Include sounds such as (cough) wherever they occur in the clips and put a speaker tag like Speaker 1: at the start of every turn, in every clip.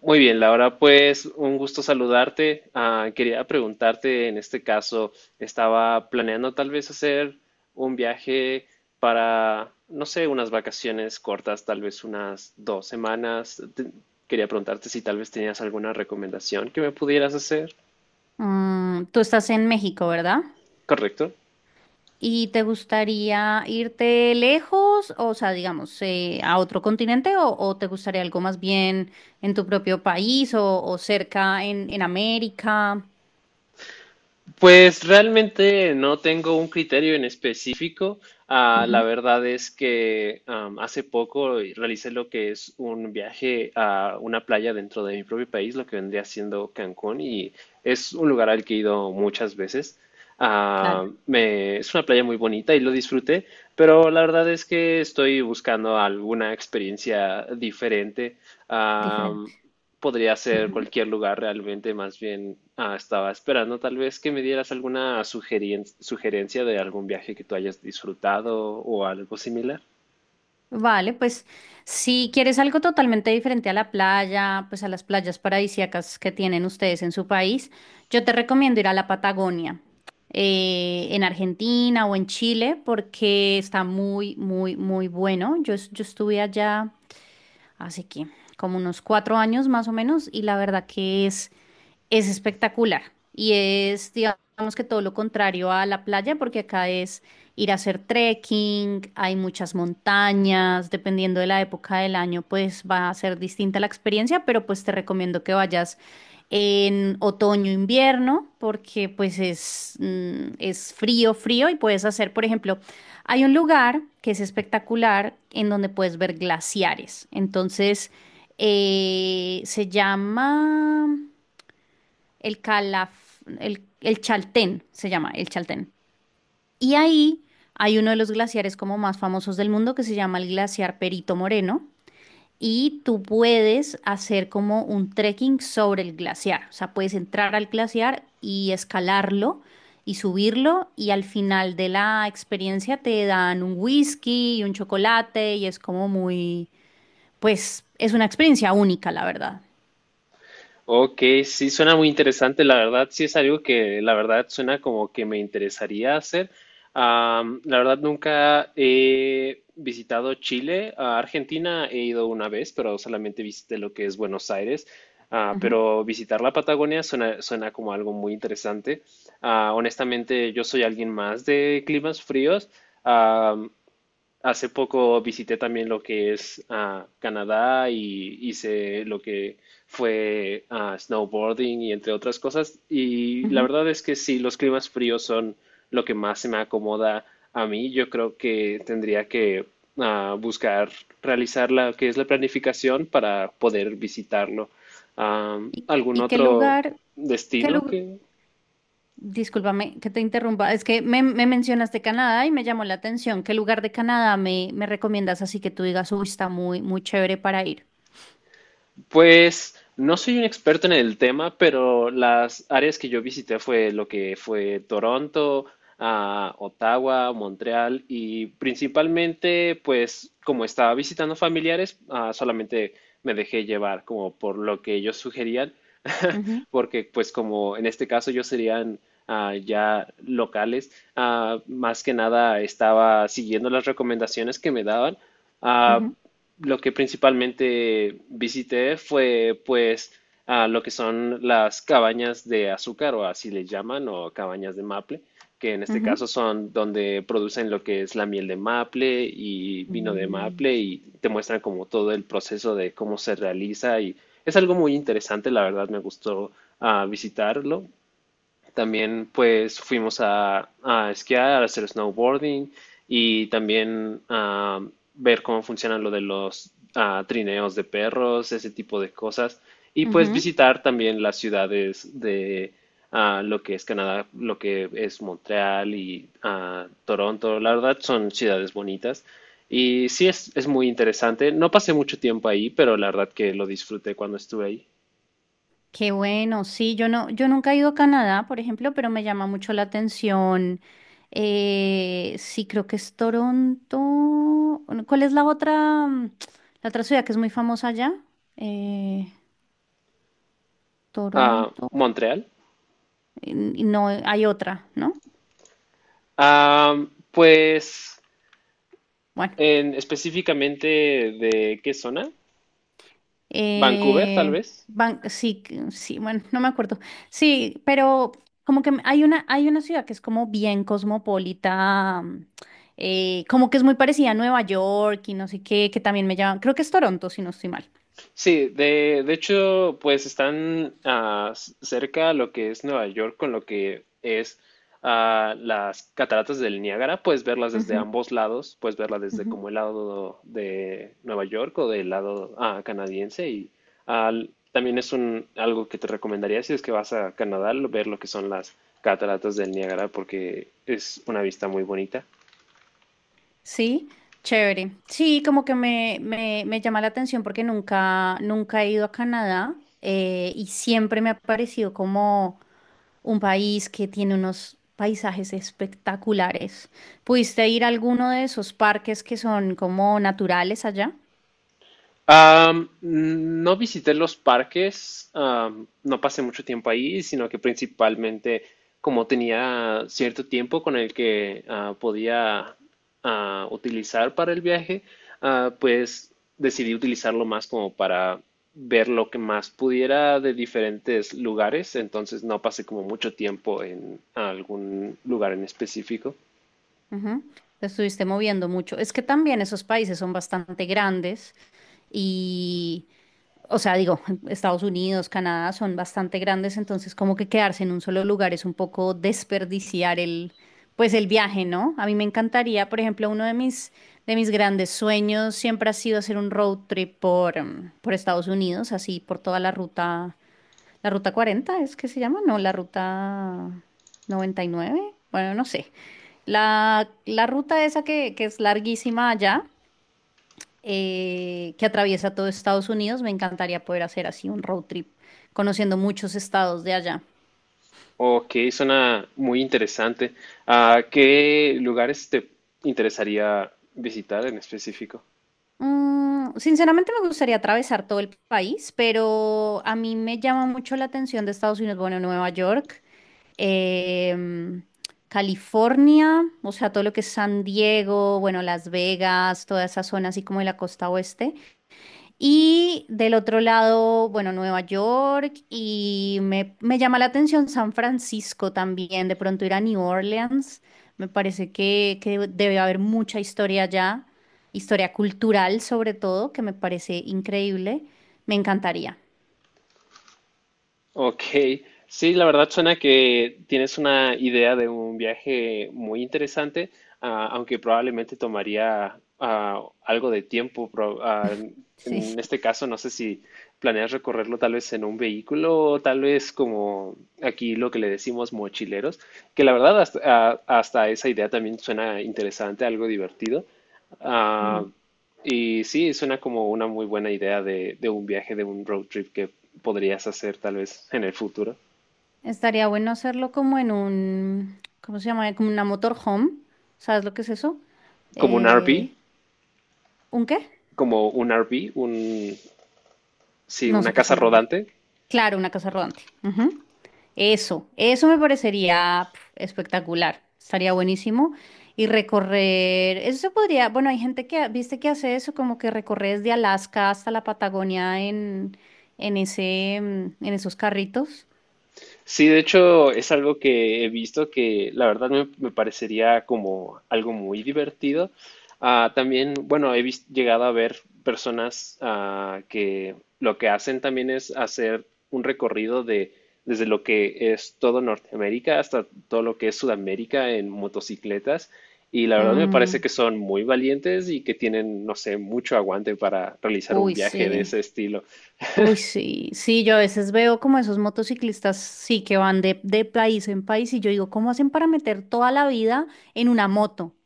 Speaker 1: Muy bien, Laura, pues un gusto saludarte. Quería preguntarte, en este caso, estaba planeando tal vez hacer un viaje para, no sé, unas vacaciones cortas, tal vez unas dos semanas. Quería preguntarte si tal vez tenías alguna recomendación que me pudieras hacer,
Speaker 2: Mm, tú estás en México, ¿verdad?
Speaker 1: ¿correcto?
Speaker 2: ¿Y te gustaría irte lejos, o sea, digamos, a otro continente, o te gustaría algo más bien en tu propio país o cerca en América?
Speaker 1: Pues realmente no tengo un criterio en específico. La
Speaker 2: Ujú,
Speaker 1: verdad es que hace poco realicé lo que es un viaje a una playa dentro de mi propio país, lo que vendría siendo Cancún, y es un lugar al que he ido muchas veces.
Speaker 2: claro,
Speaker 1: Es una playa muy bonita y lo disfruté, pero la verdad es que estoy buscando alguna experiencia diferente.
Speaker 2: diferente.
Speaker 1: Podría ser cualquier lugar realmente, más bien estaba esperando tal vez que me dieras alguna sugerencia de algún viaje que tú hayas disfrutado o algo similar.
Speaker 2: Vale, pues si quieres algo totalmente diferente a la playa, pues a las playas paradisíacas que tienen ustedes en su país, yo te recomiendo ir a la Patagonia, en Argentina o en Chile, porque está muy, muy, muy bueno. Yo estuve allá hace que como unos cuatro años más o menos y la verdad que es espectacular y es, digamos que todo lo contrario a la playa, porque acá es ir a hacer trekking, hay muchas montañas, dependiendo de la época del año, pues va a ser distinta la experiencia, pero pues te recomiendo que vayas en otoño, invierno, porque pues es, es frío, frío y puedes hacer, por ejemplo, hay un lugar que es espectacular en donde puedes ver glaciares. Entonces, se llama el Calaf, el Chaltén se llama, el Chaltén. Y ahí hay uno de los glaciares como más famosos del mundo que se llama el glaciar Perito Moreno. Y tú puedes hacer como un trekking sobre el glaciar. O sea, puedes entrar al glaciar y escalarlo y subirlo. Y al final de la experiencia te dan un whisky y un chocolate. Y es como muy, pues, es una experiencia única, la verdad.
Speaker 1: Ok, sí, suena muy interesante, la verdad, sí es algo que la verdad suena como que me interesaría hacer. La verdad nunca he visitado Chile, a Argentina he ido una vez, pero solamente visité lo que es Buenos Aires.
Speaker 2: Ujú,
Speaker 1: Pero visitar la Patagonia suena como algo muy interesante. Honestamente, yo soy alguien más de climas fríos. Hace poco visité también lo que es Canadá y hice lo que fue snowboarding y entre otras cosas. Y la
Speaker 2: ujú.
Speaker 1: verdad es que sí, los climas fríos son lo que más se me acomoda a mí. Yo creo que tendría que buscar realizar la que es la planificación para poder visitarlo.
Speaker 2: ¿Y,
Speaker 1: ¿Algún
Speaker 2: y qué
Speaker 1: otro
Speaker 2: lugar, ¿qué
Speaker 1: destino
Speaker 2: lugar?
Speaker 1: que?
Speaker 2: Discúlpame que te interrumpa, es que me mencionaste Canadá y me llamó la atención. ¿Qué lugar de Canadá me recomiendas así que tú digas, uy, está muy, muy chévere para ir?
Speaker 1: Pues no soy un experto en el tema, pero las áreas que yo visité fue lo que fue Toronto, Ottawa, Montreal y principalmente, pues como estaba visitando familiares, solamente me dejé llevar como por lo que ellos sugerían,
Speaker 2: Ujú,
Speaker 1: (laughs) porque pues como en este caso ellos serían ya locales, más que nada estaba siguiendo las recomendaciones que me daban. Ah,
Speaker 2: ujú,
Speaker 1: lo que principalmente visité fue pues a lo que son las cabañas de azúcar o así le llaman o cabañas de maple, que en este
Speaker 2: ujú.
Speaker 1: caso son donde producen lo que es la miel de maple y vino de
Speaker 2: Mm,
Speaker 1: maple y te muestran como todo el proceso de cómo se realiza, y es algo muy interesante, la verdad me gustó visitarlo. También pues fuimos a esquiar, a hacer snowboarding y también a ver cómo funcionan lo de los trineos de perros, ese tipo de cosas. Y pues
Speaker 2: ujú.
Speaker 1: visitar también las ciudades de lo que es Canadá, lo que es Montreal y Toronto. La verdad son ciudades bonitas. Y sí es muy interesante. No pasé mucho tiempo ahí, pero la verdad que lo disfruté cuando estuve ahí.
Speaker 2: Qué bueno, sí, yo nunca he ido a Canadá, por ejemplo, pero me llama mucho la atención. Sí, creo que es Toronto. Bueno, ¿cuál es la otra, la otra ciudad que es muy famosa allá? Eh, Toronto.
Speaker 1: Montreal.
Speaker 2: No, hay otra, ¿no?
Speaker 1: Ah, pues,
Speaker 2: Bueno.
Speaker 1: ¿en, específicamente de qué zona? Vancouver, tal
Speaker 2: Eh,
Speaker 1: vez.
Speaker 2: Sí, sí, bueno, no me acuerdo. Sí, pero como que hay una ciudad que es como bien cosmopolita, como que es muy parecida a Nueva York y no sé qué, que también me llaman, creo que es Toronto, si no estoy mal.
Speaker 1: Sí, de hecho, pues están cerca a lo que es Nueva York con lo que es las cataratas del Niágara. Puedes verlas desde
Speaker 2: Ujú,
Speaker 1: ambos lados, puedes verlas desde
Speaker 2: ujú.
Speaker 1: como el lado de Nueva York o del lado canadiense. Y también es un, algo que te recomendaría si es que vas a Canadá, ver lo que son las cataratas del Niágara porque es una vista muy bonita.
Speaker 2: Sí, chévere. Sí, como que me llama la atención porque nunca, nunca he ido a Canadá y siempre me ha parecido como un país que tiene unos paisajes espectaculares. ¿Pudiste ir a alguno de esos parques que son como naturales allá?
Speaker 1: No visité los parques, no pasé mucho tiempo ahí, sino que principalmente como tenía cierto tiempo con el que podía utilizar para el viaje, pues decidí utilizarlo más como para ver lo que más pudiera de diferentes lugares, entonces no pasé como mucho tiempo en algún lugar en específico.
Speaker 2: Ujú. Te estuviste moviendo mucho. Es que también esos países son bastante grandes y o sea, digo, (laughs) Estados Unidos, Canadá son bastante grandes, entonces como que quedarse en un solo lugar es un poco desperdiciar pues el viaje, ¿no? A mí me encantaría, por ejemplo, uno de mis grandes sueños siempre ha sido hacer un road trip por, por Estados Unidos, así por toda la ruta 40, ¿es que se llama? No, la ruta 99, bueno, no sé. La ruta esa que es larguísima allá que atraviesa todo Estados Unidos. Me encantaría poder hacer así un road trip, conociendo muchos estados de allá.
Speaker 1: Ok, suena muy interesante. ¿Qué lugares te interesaría visitar en específico?
Speaker 2: Mm, sinceramente me gustaría atravesar todo el país, pero a mí me llama mucho la atención de Estados Unidos, bueno, Nueva York, em, California, o sea, todo lo que es San Diego, bueno, Las Vegas, toda esa zona así como de la costa oeste. Y del otro lado, bueno, Nueva York y me llama la atención San Francisco también, de pronto ir a New Orleans, me parece que debe haber mucha historia allá, historia cultural sobre todo, que me parece increíble, me encantaría,
Speaker 1: Ok, sí, la verdad suena que tienes una idea de un viaje muy interesante, aunque probablemente tomaría algo de tiempo.
Speaker 2: (laughs)
Speaker 1: En
Speaker 2: sí.
Speaker 1: este caso, no sé si planeas recorrerlo tal vez en un vehículo o tal vez como aquí lo que le decimos mochileros, que la verdad hasta esa idea también suena interesante, algo divertido. Ah,
Speaker 2: Mm.
Speaker 1: y sí, suena como una muy buena idea de un viaje, de un road trip que podrías hacer tal vez en el futuro.
Speaker 2: Estaría bueno hacerlo como en un, ¿cómo se llama? Como una motorhome, ¿sabes lo que es eso?
Speaker 1: Como un RV,
Speaker 2: Eh, ¿Un qué?
Speaker 1: como un RV, un, sí,
Speaker 2: No
Speaker 1: una
Speaker 2: sé qué es
Speaker 1: casa
Speaker 2: un RV.
Speaker 1: rodante.
Speaker 2: Claro, una casa rodante. Ujú. Eso me parecería pf, espectacular. Estaría buenísimo. Y recorrer, eso se podría, bueno, hay gente que, viste que hace eso, como que recorre desde Alaska hasta la Patagonia en ese, en esos carritos.
Speaker 1: Sí, de hecho es algo que he visto que la verdad me, me parecería como algo muy divertido. También, bueno, llegado a ver personas que lo que hacen también es hacer un recorrido de desde lo que es todo Norteamérica hasta todo lo que es Sudamérica en motocicletas. Y la verdad me parece
Speaker 2: Mm,
Speaker 1: que son muy valientes y que tienen, no sé, mucho aguante para realizar un
Speaker 2: uy,
Speaker 1: viaje de
Speaker 2: sí.
Speaker 1: ese estilo.
Speaker 2: Uy, sí. Sí, yo a veces veo como esos motociclistas, sí, que van de país en país y yo digo, ¿cómo hacen para meter toda la vida en una moto?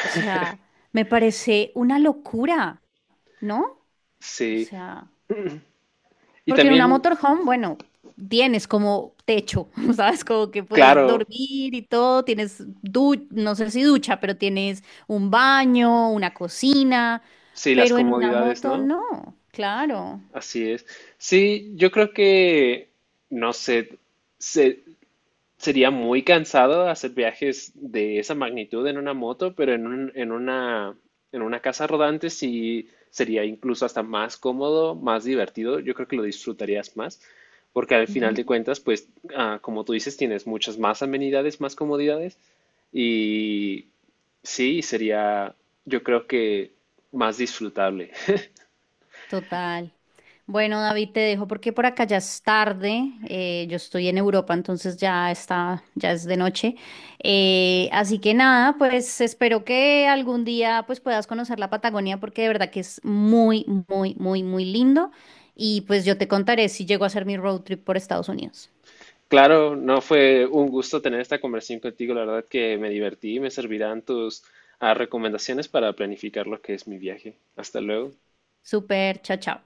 Speaker 2: O sea, me parece una locura, ¿no? O
Speaker 1: Sí.
Speaker 2: sea,
Speaker 1: Y
Speaker 2: porque en una
Speaker 1: también,
Speaker 2: motorhome, bueno, tienes como techo, (laughs) ¿sabes? Como que puedes
Speaker 1: claro.
Speaker 2: dormir y todo, tienes no sé si ducha, pero tienes un baño, una cocina,
Speaker 1: Sí, las
Speaker 2: pero en una
Speaker 1: comodidades,
Speaker 2: moto
Speaker 1: ¿no?
Speaker 2: no, claro.
Speaker 1: Así es. Sí, yo creo que, no sé, se- sería muy cansado hacer viajes de esa magnitud en una moto, pero en una casa rodante sí sería incluso hasta más cómodo, más divertido. Yo creo que lo disfrutarías más, porque al final de
Speaker 2: Ujú.
Speaker 1: cuentas, pues, como tú dices, tienes muchas más amenidades, más comodidades, y sí, sería, yo creo que más disfrutable.
Speaker 2: Total. Bueno, David, te dejo porque por acá ya es tarde. Yo estoy en Europa, entonces ya está, ya es de noche. Así que nada, pues espero que algún día pues puedas conocer la Patagonia porque de verdad que es muy, muy, muy, muy lindo. Y pues yo te contaré si llego a hacer mi road trip por Estados Unidos.
Speaker 1: Claro, no fue un gusto tener esta conversación contigo. La verdad que me divertí y me servirán tus recomendaciones para planificar lo que es mi viaje. Hasta luego.
Speaker 2: Súper, chao, chao.